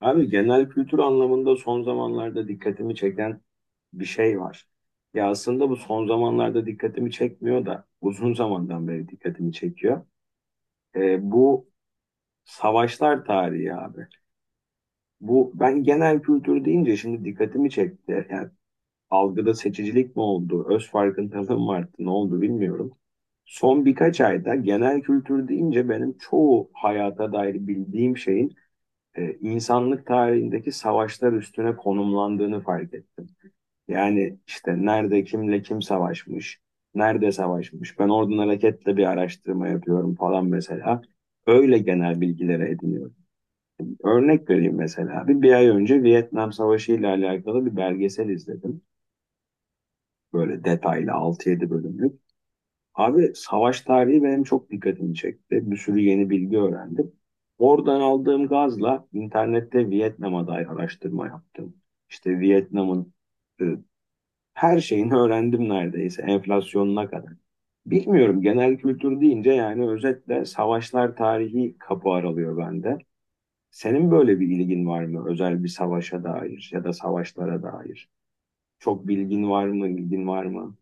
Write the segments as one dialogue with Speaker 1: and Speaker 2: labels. Speaker 1: Abi genel kültür anlamında son zamanlarda dikkatimi çeken bir şey var. Ya aslında bu son zamanlarda dikkatimi çekmiyor da uzun zamandan beri dikkatimi çekiyor. Bu savaşlar tarihi abi. Bu ben genel kültür deyince şimdi dikkatimi çekti. Yani algıda seçicilik mi oldu, öz farkındalığım mı arttı, ne oldu bilmiyorum. Son birkaç ayda genel kültür deyince benim çoğu hayata dair bildiğim şeyin insanlık tarihindeki savaşlar üstüne konumlandığını fark ettim. Yani işte nerede kimle kim savaşmış, nerede savaşmış. Ben oradan hareketle bir araştırma yapıyorum falan mesela. Öyle genel bilgilere ediniyorum. Örnek vereyim mesela. Bir ay önce Vietnam Savaşı ile alakalı bir belgesel izledim. Böyle detaylı altı yedi bölümlük. Abi savaş tarihi benim çok dikkatimi çekti. Bir sürü yeni bilgi öğrendim. Oradan aldığım gazla internette Vietnam'a dair araştırma yaptım. İşte Vietnam'ın e, her şeyini öğrendim neredeyse enflasyonuna kadar. Bilmiyorum genel kültür deyince yani özetle savaşlar tarihi kapı aralıyor bende. Senin böyle bir ilgin var mı özel bir savaşa dair ya da savaşlara dair? Çok bilgin var mı, ilgin var mı?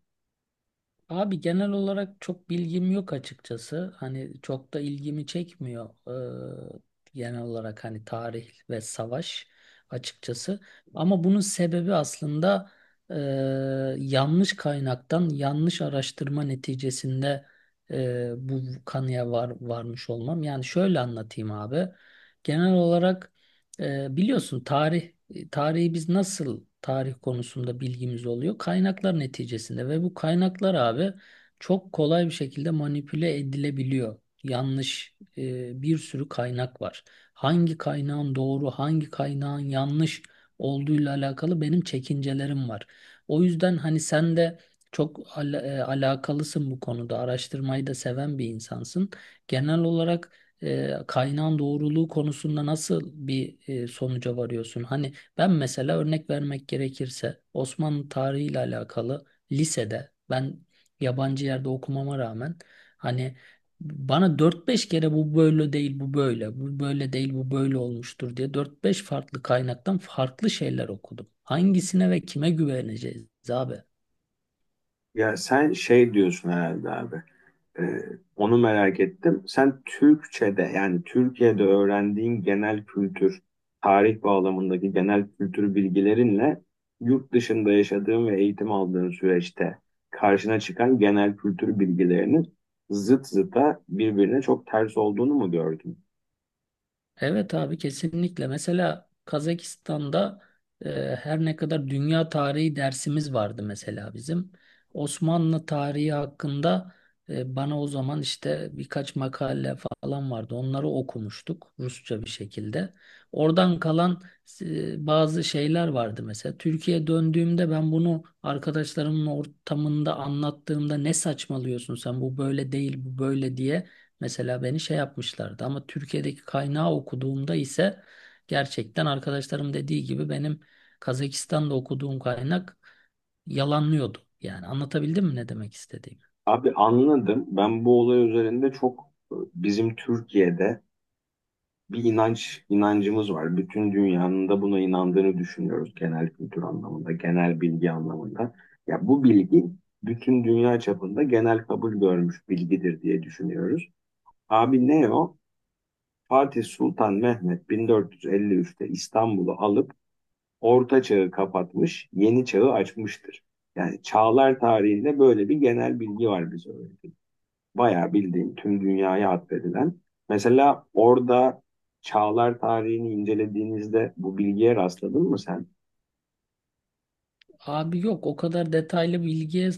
Speaker 2: Abi genel olarak çok bilgim yok açıkçası. Hani çok da ilgimi çekmiyor. Genel olarak hani tarih ve savaş açıkçası. Ama bunun sebebi aslında eee, yanlış kaynaktan yanlış araştırma neticesinde bu kanıya varmış olmam. Yani şöyle anlatayım abi. Genel olarak biliyorsun tarih tarihi biz nasıl tarih konusunda bilgimiz oluyor? Kaynaklar neticesinde, ve bu kaynaklar abi çok kolay bir şekilde manipüle edilebiliyor. Yanlış bir sürü kaynak var. Hangi kaynağın doğru, hangi kaynağın yanlış olduğuyla alakalı benim çekincelerim var. O yüzden hani sen de çok alakalısın bu konuda. Araştırmayı da seven bir insansın. Genel olarak kaynağın doğruluğu konusunda nasıl bir sonuca varıyorsun? Hani ben mesela örnek vermek gerekirse Osmanlı tarihiyle alakalı lisede ben yabancı yerde okumama rağmen hani bana dört beş kere bu böyle değil bu böyle, bu böyle değil bu böyle olmuştur diye dört beş farklı kaynaktan farklı şeyler okudum. Hangisine ve kime güveneceğiz abi?
Speaker 1: Ya sen şey diyorsun herhalde abi. Ee, onu merak ettim. Sen Türkçe'de yani Türkiye'de öğrendiğin genel kültür, tarih bağlamındaki genel kültür bilgilerinle yurt dışında yaşadığın ve eğitim aldığın süreçte karşına çıkan genel kültür bilgilerinin zıt zıta birbirine çok ters olduğunu mu gördün?
Speaker 2: Evet abi, kesinlikle. Mesela Kazakistan'da her ne kadar dünya tarihi dersimiz vardı mesela bizim. Osmanlı tarihi hakkında bana o zaman işte birkaç makale falan vardı. Onları okumuştuk Rusça bir şekilde. Oradan kalan bazı şeyler vardı mesela. Türkiye'ye döndüğümde ben bunu arkadaşlarımın ortamında anlattığımda ne saçmalıyorsun sen bu böyle değil bu böyle diye. Mesela beni şey yapmışlardı, ama Türkiye'deki kaynağı okuduğumda ise gerçekten arkadaşlarım dediği gibi benim Kazakistan'da okuduğum kaynak yalanlıyordu. Yani anlatabildim mi ne demek istediğimi?
Speaker 1: Abi anladım. Ben bu olay üzerinde çok bizim Türkiye'de bir inancımız var. Bütün dünyanın da buna inandığını düşünüyoruz genel kültür anlamında, genel bilgi anlamında. Ya bu bilgi bütün dünya çapında genel kabul görmüş bilgidir diye düşünüyoruz. Abi ne o? Fatih Sultan Mehmet 1453'te İstanbul'u alıp Orta Çağ'ı kapatmış, Yeni Çağ'ı açmıştır. Yani çağlar tarihinde böyle bir genel bilgi var bize öğretilen. Bayağı bildiğin tüm dünyaya atfedilen. Mesela orada çağlar tarihini incelediğinizde bu bilgiye rastladın mı sen?
Speaker 2: Abi yok, o kadar detaylı bilgiye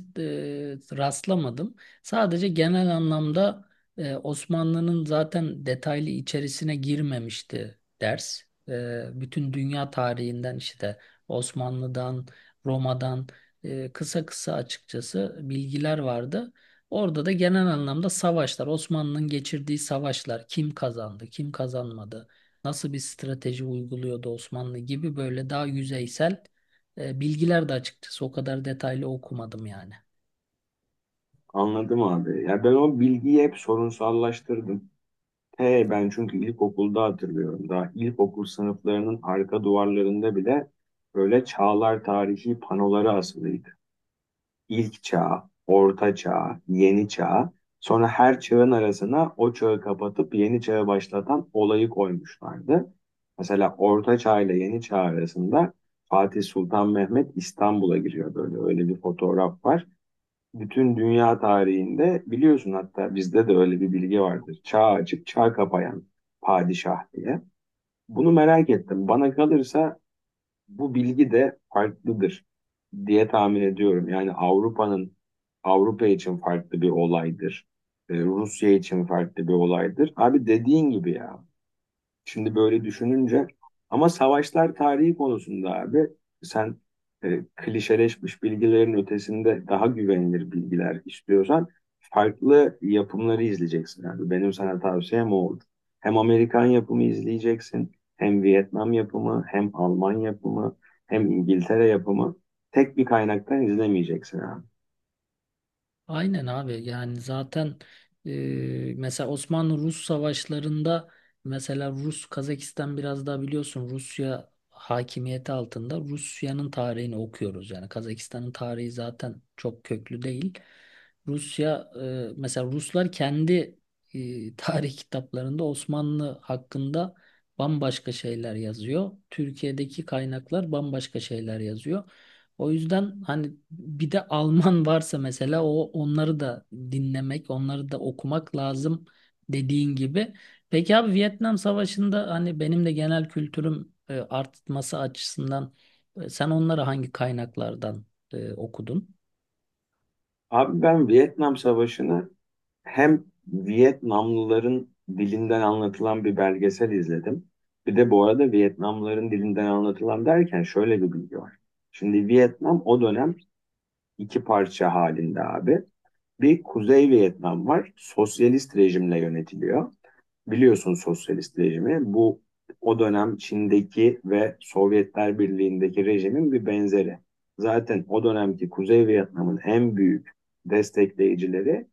Speaker 2: rastlamadım. Sadece genel anlamda Osmanlı'nın zaten detaylı içerisine girmemişti ders. Bütün dünya tarihinden işte Osmanlı'dan, Roma'dan kısa kısa açıkçası bilgiler vardı. Orada da genel anlamda savaşlar, Osmanlı'nın geçirdiği savaşlar, kim kazandı, kim kazanmadı, nasıl bir strateji uyguluyordu Osmanlı gibi böyle daha yüzeysel bilgiler de, açıkçası o kadar detaylı okumadım yani.
Speaker 1: Anladım abi. Ya ben o bilgiyi hep sorunsallaştırdım. Ben çünkü ilkokulda hatırlıyorum. Daha ilkokul sınıflarının arka duvarlarında bile böyle çağlar tarihi panoları asılı. İlk çağ, orta çağ, yeni çağ. Sonra her çağın arasına o çağı kapatıp yeni çağı başlatan olayı koymuşlardı. Mesela orta çağ ile yeni çağ arasında Fatih Sultan Mehmet İstanbul'a giriyor böyle. Öyle bir fotoğraf var. Bütün dünya tarihinde biliyorsun hatta bizde de öyle bir bilgi vardır. Çağ açık, çağ kapayan padişah diye. Bunu merak ettim. Bana kalırsa bu bilgi de farklıdır diye tahmin ediyorum. Yani Avrupa için farklı bir olaydır. Rusya için farklı bir olaydır. Abi dediğin gibi ya. Şimdi böyle düşününce ama savaşlar tarihi konusunda abi sen klişeleşmiş bilgilerin ötesinde daha güvenilir bilgiler istiyorsan farklı yapımları izleyeceksin abi. Benim sana tavsiyem o oldu. Hem Amerikan yapımı izleyeceksin, hem Vietnam yapımı, hem Alman yapımı, hem İngiltere yapımı. Tek bir kaynaktan izlemeyeceksin abi.
Speaker 2: Aynen abi, yani zaten mesela Osmanlı-Rus savaşlarında mesela Rus, Kazakistan biraz daha biliyorsun Rusya hakimiyeti altında, Rusya'nın tarihini okuyoruz. Yani Kazakistan'ın tarihi zaten çok köklü değil. Rusya mesela Ruslar kendi tarih kitaplarında Osmanlı hakkında bambaşka şeyler yazıyor. Türkiye'deki kaynaklar bambaşka şeyler yazıyor. O yüzden hani bir de Alman varsa mesela, o onları da dinlemek, onları da okumak lazım dediğin gibi. Peki abi, Vietnam Savaşı'nda hani benim de genel kültürüm artması açısından sen onları hangi kaynaklardan okudun?
Speaker 1: Abi ben Vietnam Savaşı'nı hem Vietnamlıların dilinden anlatılan bir belgesel izledim. Bir de bu arada Vietnamlıların dilinden anlatılan derken şöyle bir bilgi var. Şimdi Vietnam o dönem iki parça halinde abi. Bir Kuzey Vietnam var. Sosyalist rejimle yönetiliyor. Biliyorsun sosyalist rejimi. Bu o dönem Çin'deki ve Sovyetler Birliği'ndeki rejimin bir benzeri. Zaten o dönemki Kuzey Vietnam'ın en büyük destekleyicileri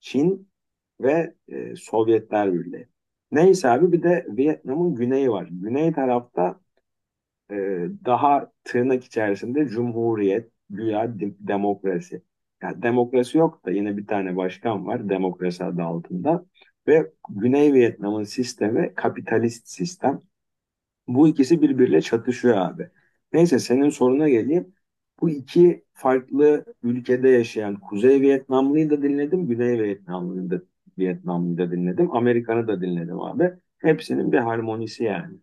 Speaker 1: Çin ve Sovyetler Birliği. Neyse abi bir de Vietnam'ın güneyi var. Güney tarafta e, daha tırnak içerisinde cumhuriyet, güya demokrasi. Yani demokrasi yok da yine bir tane başkan var demokrasi adı altında. Ve Güney Vietnam'ın sistemi kapitalist sistem. Bu ikisi birbiriyle çatışıyor abi. Neyse senin soruna geleyim. Bu iki farklı ülkede yaşayan Kuzey Vietnamlıyı da dinledim, Güney Vietnamlıyı da, Vietnamlıyı da dinledim, Amerikan'ı da dinledim abi. Hepsinin bir harmonisi yani.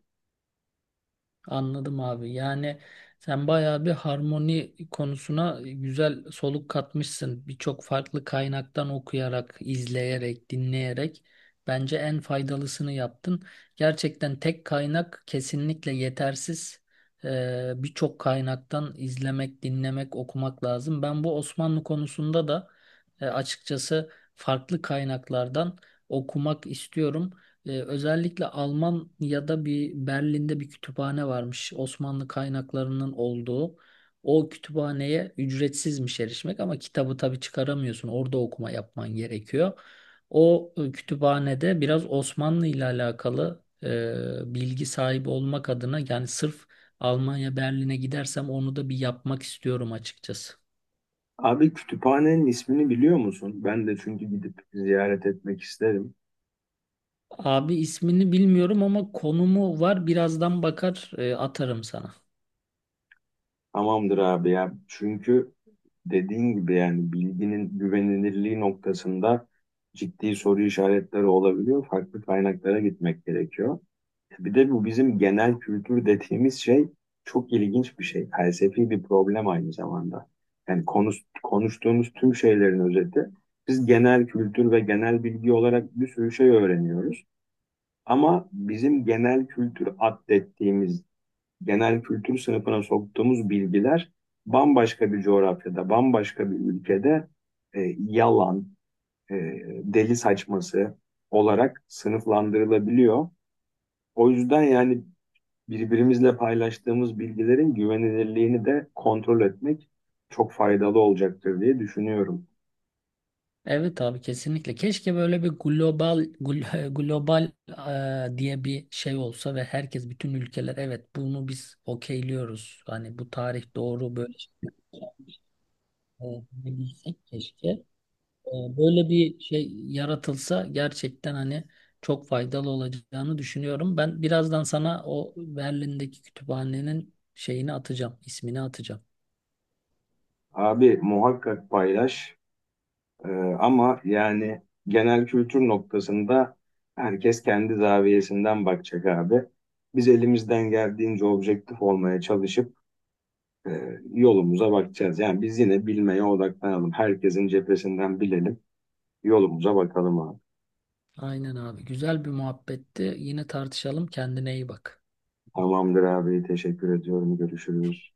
Speaker 2: Anladım abi. Yani sen bayağı bir harmoni konusuna güzel soluk katmışsın. Birçok farklı kaynaktan okuyarak, izleyerek, dinleyerek bence en faydalısını yaptın. Gerçekten tek kaynak kesinlikle yetersiz. Birçok kaynaktan izlemek, dinlemek, okumak lazım. Ben bu Osmanlı konusunda da açıkçası farklı kaynaklardan okumak istiyorum. Özellikle Almanya'da bir, Berlin'de bir kütüphane varmış. Osmanlı kaynaklarının olduğu. O kütüphaneye ücretsizmiş erişmek, ama kitabı tabii çıkaramıyorsun. Orada okuma yapman gerekiyor. O kütüphanede biraz Osmanlı ile alakalı bilgi sahibi olmak adına, yani sırf Almanya Berlin'e gidersem onu da bir yapmak istiyorum açıkçası.
Speaker 1: Abi kütüphanenin ismini biliyor musun? Ben de çünkü gidip ziyaret etmek isterim.
Speaker 2: Abi ismini bilmiyorum ama konumu var. Birazdan bakar atarım sana.
Speaker 1: Tamamdır abi ya. Çünkü dediğin gibi yani bilginin güvenilirliği noktasında ciddi soru işaretleri olabiliyor. Farklı kaynaklara gitmek gerekiyor. Bir de bu bizim genel kültür dediğimiz şey çok ilginç bir şey. Felsefi bir problem aynı zamanda. Yani konuştuğumuz tüm şeylerin özeti. Biz genel kültür ve genel bilgi olarak bir sürü şey öğreniyoruz. Ama bizim genel kültür addettiğimiz, genel kültür sınıfına soktuğumuz bilgiler bambaşka bir coğrafyada, bambaşka bir ülkede yalan, e, deli saçması olarak sınıflandırılabiliyor. O yüzden yani birbirimizle paylaştığımız bilgilerin güvenilirliğini de kontrol etmek çok faydalı olacaktır diye düşünüyorum.
Speaker 2: Evet abi, kesinlikle. Keşke böyle bir global global diye bir şey olsa ve herkes, bütün ülkeler evet bunu biz okeyliyoruz, hani bu tarih doğru böyle şeyler, bilsek keşke. Böyle bir şey yaratılsa gerçekten hani çok faydalı olacağını düşünüyorum. Ben birazdan sana o Berlin'deki kütüphanenin şeyini atacağım, ismini atacağım.
Speaker 1: Abi muhakkak paylaş. Ee, ama yani genel kültür noktasında herkes kendi zaviyesinden bakacak abi. Biz elimizden geldiğince objektif olmaya çalışıp yolumuza bakacağız. Yani biz yine bilmeye odaklanalım. Herkesin cephesinden bilelim. Yolumuza bakalım abi.
Speaker 2: Aynen abi. Güzel bir muhabbetti. Yine tartışalım. Kendine iyi bak.
Speaker 1: Tamamdır abi. Teşekkür ediyorum. Görüşürüz.